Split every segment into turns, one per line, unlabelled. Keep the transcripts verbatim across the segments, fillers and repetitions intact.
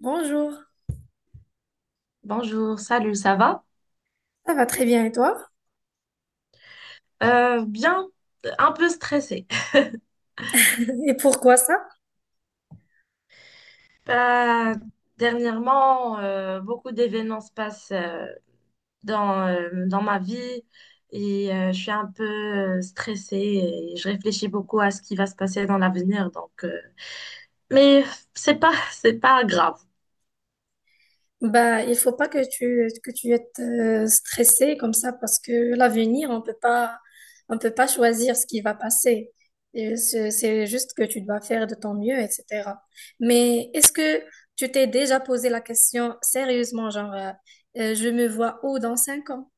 Bonjour,
Bonjour, salut, ça va?
ça va très bien et toi?
Euh, bien, un peu stressée.
Et pourquoi ça?
Euh, Dernièrement, euh, beaucoup d'événements se passent euh, dans, euh, dans ma vie et euh, je suis un peu euh, stressée et je réfléchis beaucoup à ce qui va se passer dans l'avenir. Donc, euh, mais c'est pas, c'est pas grave.
Bah, il faut pas que tu que tu es euh, stressé comme ça parce que l'avenir, on peut pas on peut pas choisir ce qui va passer. Et C'est c'est juste que tu dois faire de ton mieux, et cetera. Mais est-ce que tu t'es déjà posé la question sérieusement, genre euh, euh, je me vois où dans cinq ans?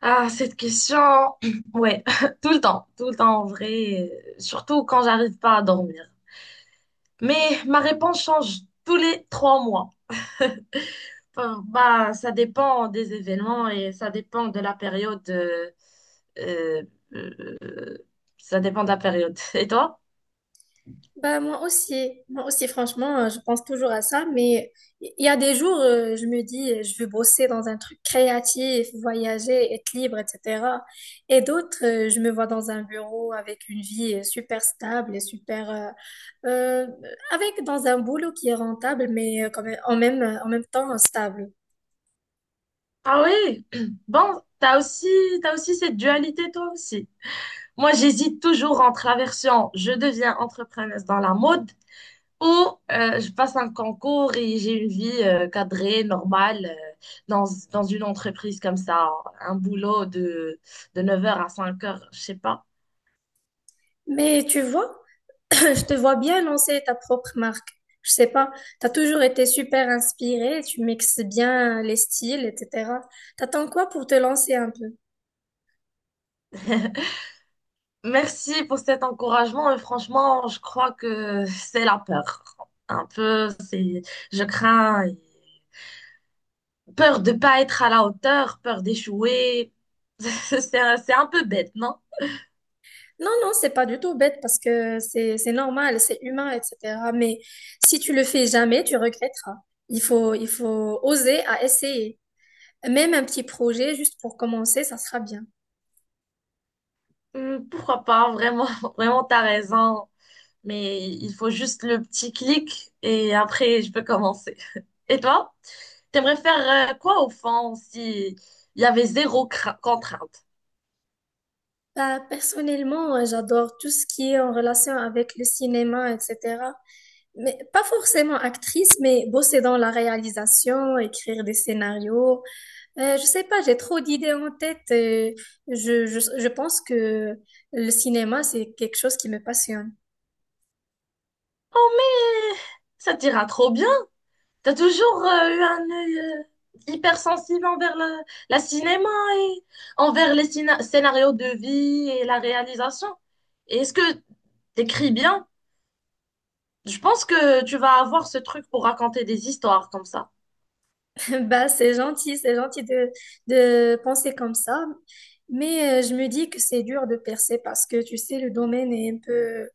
Ah, cette question, ouais, tout le temps, tout le temps en vrai, euh, surtout quand j'arrive pas à dormir. Mais ma réponse change tous les trois mois. Enfin, bah, ça dépend des événements et ça dépend de la période. euh, euh, euh, Ça dépend de la période. Et toi?
Bah, moi aussi, moi aussi, franchement, euh, je pense toujours à ça, mais il y a des jours, euh, je me dis, euh, je veux bosser dans un truc créatif, voyager, être libre, et cetera. Et d'autres, euh, je me vois dans un bureau avec une vie euh, super stable et super, euh, euh, avec dans un boulot qui est rentable, mais euh, quand même, en même, en même temps euh, stable.
Ah oui. Bon, t'as aussi, t'as aussi cette dualité toi aussi. Moi, j'hésite toujours entre la version je deviens entrepreneuse dans la mode ou euh, je passe un concours et j'ai une vie euh, cadrée, normale, euh, dans, dans une entreprise comme ça, un boulot de, de neuf heures à cinq heures, je sais pas.
Mais tu vois, je te vois bien lancer ta propre marque. Je sais pas, tu as toujours été super inspirée, tu mixes bien les styles, et cetera. T'attends quoi pour te lancer un peu?
Merci pour cet encouragement. Et franchement, je crois que c'est la peur. Un peu, c'est, je crains peur de pas être à la hauteur, peur d'échouer. C'est un, c'est un peu bête, non?
Non, non, c'est pas du tout bête parce que c'est c'est normal, c'est humain, et cetera. Mais si tu le fais jamais, tu regretteras. Il faut il faut oser à essayer. Même un petit projet juste pour commencer, ça sera bien.
Hum, Pourquoi pas? Vraiment, vraiment, t'as raison. Mais il faut juste le petit clic et après, je peux commencer. Et toi? T'aimerais faire euh, quoi au fond si il y avait zéro cra- contrainte?
Bah, personnellement, j'adore tout ce qui est en relation avec le cinéma, et cetera. Mais pas forcément actrice, mais bosser dans la réalisation, écrire des scénarios. Euh, je sais pas, j'ai trop d'idées en tête. euh, je, je, je pense que le cinéma, c'est quelque chose qui me passionne.
Oh, mais ça t'ira trop bien. T'as toujours euh, eu un œil euh, hypersensible envers la, la cinéma et envers les cina- scénarios de vie et la réalisation. Et est-ce que t'écris bien? Je pense que tu vas avoir ce truc pour raconter des histoires comme ça.
Bah, c'est gentil, c'est gentil de, de penser comme ça. Mais euh, je me dis que c'est dur de percer parce que, tu sais, le domaine est un peu.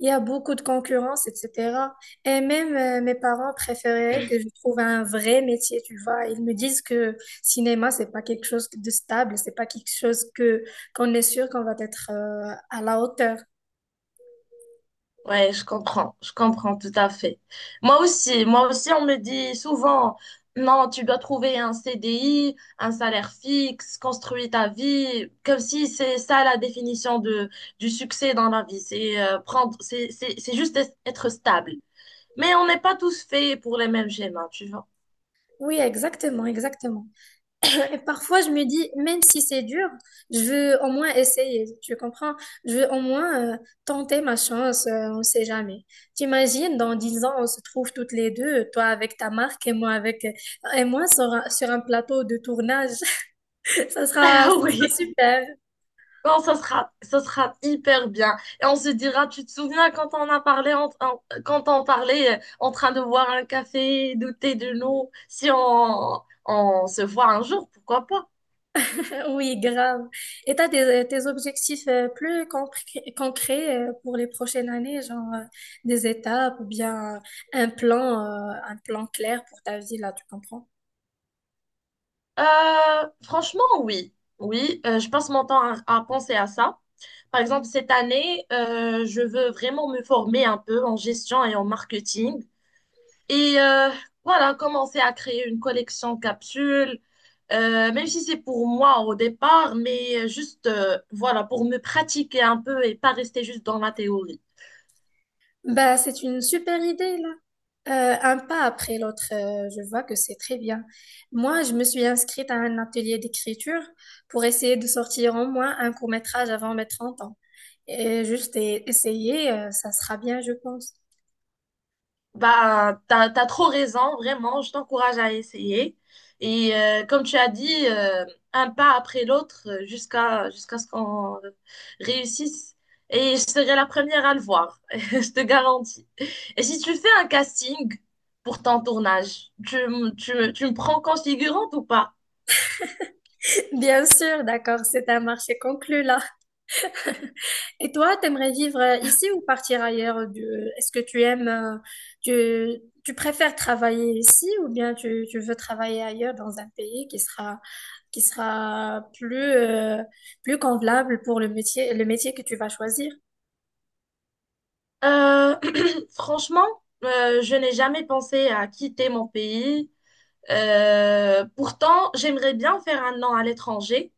Il y a beaucoup de concurrence, et cetera. Et même euh, mes parents préféraient que je trouve un vrai métier, tu vois. Ils me disent que cinéma, c'est pas quelque chose de stable, c'est pas quelque chose que qu'on est sûr qu'on va être euh, à la hauteur.
Ouais, je comprends, je comprends tout à fait. Moi aussi, moi aussi, on me dit souvent, non, tu dois trouver un C D I, un salaire fixe, construire ta vie, comme si c'est ça la définition de, du succès dans la vie. C'est euh, prendre, c'est, c'est, c'est juste être stable. Mais on n'est pas tous faits pour les mêmes schémas, tu vois.
Oui, exactement, exactement. Et parfois, je me dis, même si c'est dur, je veux au moins essayer, tu comprends? Je veux au moins euh, tenter ma chance, euh, on sait jamais. T'imagines, dans dix ans, on se trouve toutes les deux, toi avec ta marque et moi avec, euh, et moi sur un, sur un plateau de tournage. Ça sera, ça sera
Oui.
super.
Non, ça sera, ça sera hyper bien. Et on se dira, tu te souviens quand on a parlé, en, en- quand on parlait euh, en train de boire un café, douter de nous, si on, on se voit un jour, pourquoi pas?
Euh, Oui, grave. Et t'as des, euh, tes objectifs euh, plus concr- concrets euh, pour les prochaines années, genre euh, des étapes ou bien un plan, euh, un plan clair pour ta vie, là, tu comprends?
Euh, franchement, oui. Oui, euh, je passe mon temps à, à penser à ça. Par exemple, cette année, euh, je veux vraiment me former un peu en gestion et en marketing. Et euh, voilà, commencer à créer une collection capsule, euh, même si c'est pour moi au départ, mais juste euh, voilà, pour me pratiquer un peu et pas rester juste dans la théorie.
Bah, c'est une super idée, là. Euh, un pas après l'autre, euh, je vois que c'est très bien. Moi, je me suis inscrite à un atelier d'écriture pour essayer de sortir au moins un court-métrage avant mes trente ans. Et juste e- essayer, euh, ça sera bien, je pense.
Bah, t'as, t'as trop raison, vraiment, je t'encourage à essayer. Et euh, comme tu as dit, euh, un pas après l'autre euh, jusqu'à jusqu'à ce qu'on réussisse. Et je serai la première à le voir, je te garantis. Et si tu fais un casting pour ton tournage, tu, m- tu, me- tu me prends configurante ou pas?
Bien sûr, d'accord, c'est un marché conclu, là. Et toi, t'aimerais vivre euh, ici ou partir ailleurs? euh, Du- euh, Est-ce que tu aimes, euh, tu, tu préfères travailler ici ou bien tu, tu veux travailler ailleurs dans un pays qui sera, qui sera plus, euh, plus convenable pour le métier, le métier que tu vas choisir?
Euh, Franchement, euh, je n'ai jamais pensé à quitter mon pays. Euh, pourtant, j'aimerais bien faire un an à l'étranger,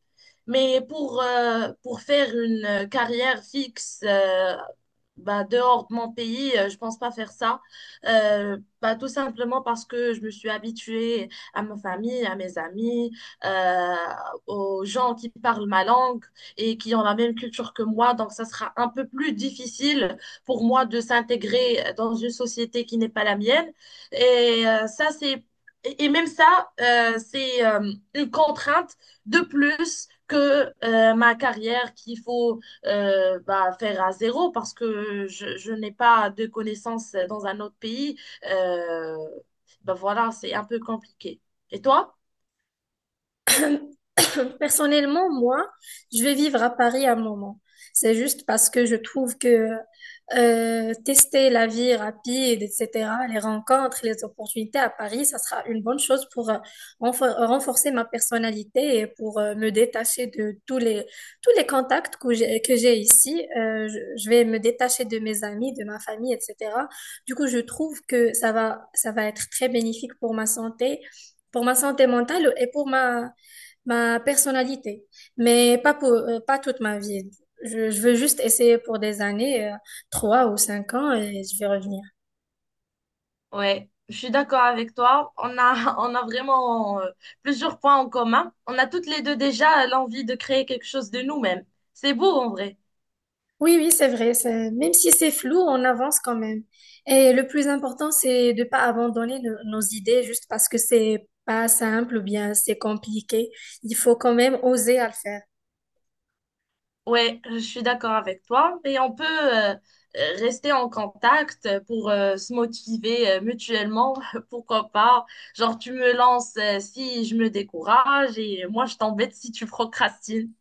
mais pour, euh, pour faire une euh, carrière fixe euh, bah, dehors de mon pays, euh, je pense pas faire ça. Euh, bah, tout simplement parce que je me suis habituée à ma famille, à mes amis, euh, aux gens qui parlent ma langue et qui ont la même culture que moi. Donc, ça sera un peu plus difficile pour moi de s'intégrer dans une société qui n'est pas la mienne. Et euh, ça, c'est... Et et même ça, euh, c'est euh, une contrainte de plus que euh, ma carrière qu'il faut euh, bah, faire à zéro parce que je, je n'ai pas de connaissances dans un autre pays. Euh, Bah, voilà, c'est un peu compliqué. Et toi?
Personnellement, moi, je vais vivre à Paris un moment. C'est juste parce que je trouve que euh, tester la vie rapide, et cetera, les rencontres, les opportunités à Paris, ça sera une bonne chose pour euh, renfor- renforcer ma personnalité et pour euh, me détacher de tous les, tous les contacts que j'ai, que j'ai ici. Euh, je, je vais me détacher de mes amis, de ma famille, et cetera. Du coup, je trouve que ça va, ça va être très bénéfique pour ma santé, pour ma santé mentale et pour ma ma personnalité, mais pas pour, euh, pas toute ma vie. Je, je veux juste essayer pour des années, euh, trois ou cinq ans, et je vais revenir.
Ouais, je suis d'accord avec toi. On a, on a vraiment euh, plusieurs points en commun. On a toutes les deux déjà l'envie de créer quelque chose de nous-mêmes. C'est beau en vrai.
Oui, oui, c'est vrai. c'est- Même si c'est flou, on avance quand même. Et le plus important, c'est de pas abandonner no- nos idées juste parce que c'est pas simple ou bien c'est compliqué. Il faut quand même oser à le faire.
Ouais, je suis d'accord avec toi. Et on peut euh, euh, rester en contact pour euh, se motiver euh, mutuellement, pourquoi pas. Genre, tu me lances euh, si je me décourage et moi, je t'embête si tu procrastines.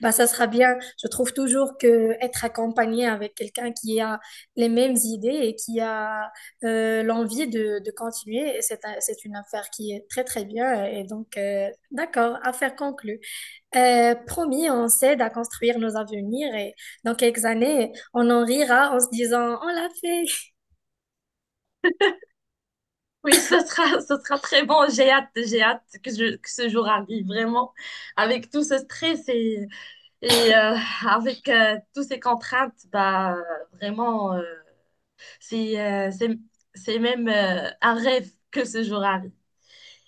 Bah, ça sera bien. Je trouve toujours que être accompagné avec quelqu'un qui a les mêmes idées et qui a euh, l'envie de, de continuer, c'est un- c'est une affaire qui est très très bien. Et donc, euh, d'accord, affaire conclue. Euh, promis, on s'aide à construire nos avenirs et dans quelques années, on en rira en se disant, on l'a fait.
Oui, ce sera, ce sera très bon. J'ai hâte, j'ai hâte que, je, que ce jour arrive, vraiment. Avec tout ce stress et, et euh, avec euh, toutes ces contraintes, bah, vraiment, euh, c'est, euh, c'est, c'est même euh, un rêve que ce jour arrive.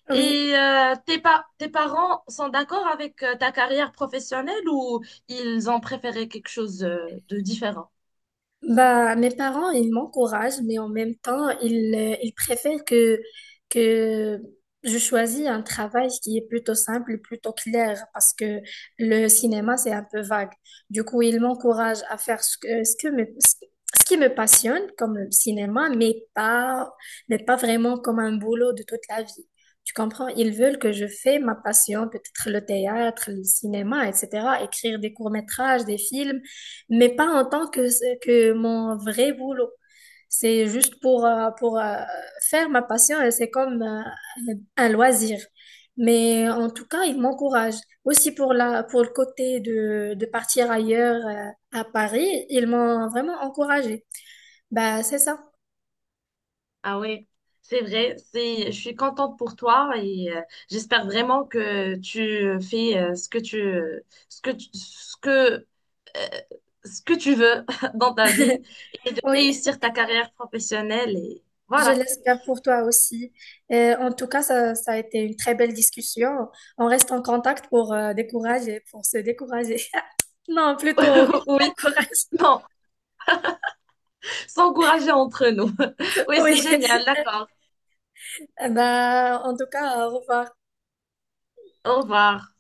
Oui.
Et euh, tes pa- tes parents sont d'accord avec euh, ta carrière professionnelle ou ils ont préféré quelque chose euh, de différent?
Bah, mes parents, ils m'encouragent, mais en même temps, ils, euh, ils préfèrent que, que je choisis un travail qui est plutôt simple, plutôt clair, parce que le cinéma, c'est un peu vague. Du coup, ils m'encouragent à faire ce que, ce que me, ce ce qui me passionne, comme le cinéma, mais pas, mais pas vraiment comme un boulot de toute la vie. Tu comprends? Ils veulent que je fais ma passion, peut-être le théâtre, le cinéma, et cetera, écrire des courts-métrages, des films mais pas en tant que, que mon vrai boulot. C'est juste pour, euh, pour euh, faire ma passion, et c'est comme euh, un loisir. Mais en tout cas, il m'encourage. Aussi pour la, pour le côté de, de partir ailleurs euh, à Paris, ils m'ont vraiment encouragé. Bah, c'est ça.
Ah oui, c'est vrai, c'est, je suis contente pour toi et euh, j'espère vraiment que tu fais euh, ce que tu, ce que tu- ce que, euh, ce que tu veux dans ta vie et de
Oui,
réussir ta carrière professionnelle et
je
voilà.
l'espère pour toi aussi. Euh, en tout cas, ça, ça a été une très belle discussion. On reste en contact pour euh, décourager, pour se décourager. Non, plutôt
Oui,
encourage.
non, s'encourager entre nous. Oui, c'est
Oui.
génial, d'accord.
Eh ben, en tout cas, au revoir.
Au revoir.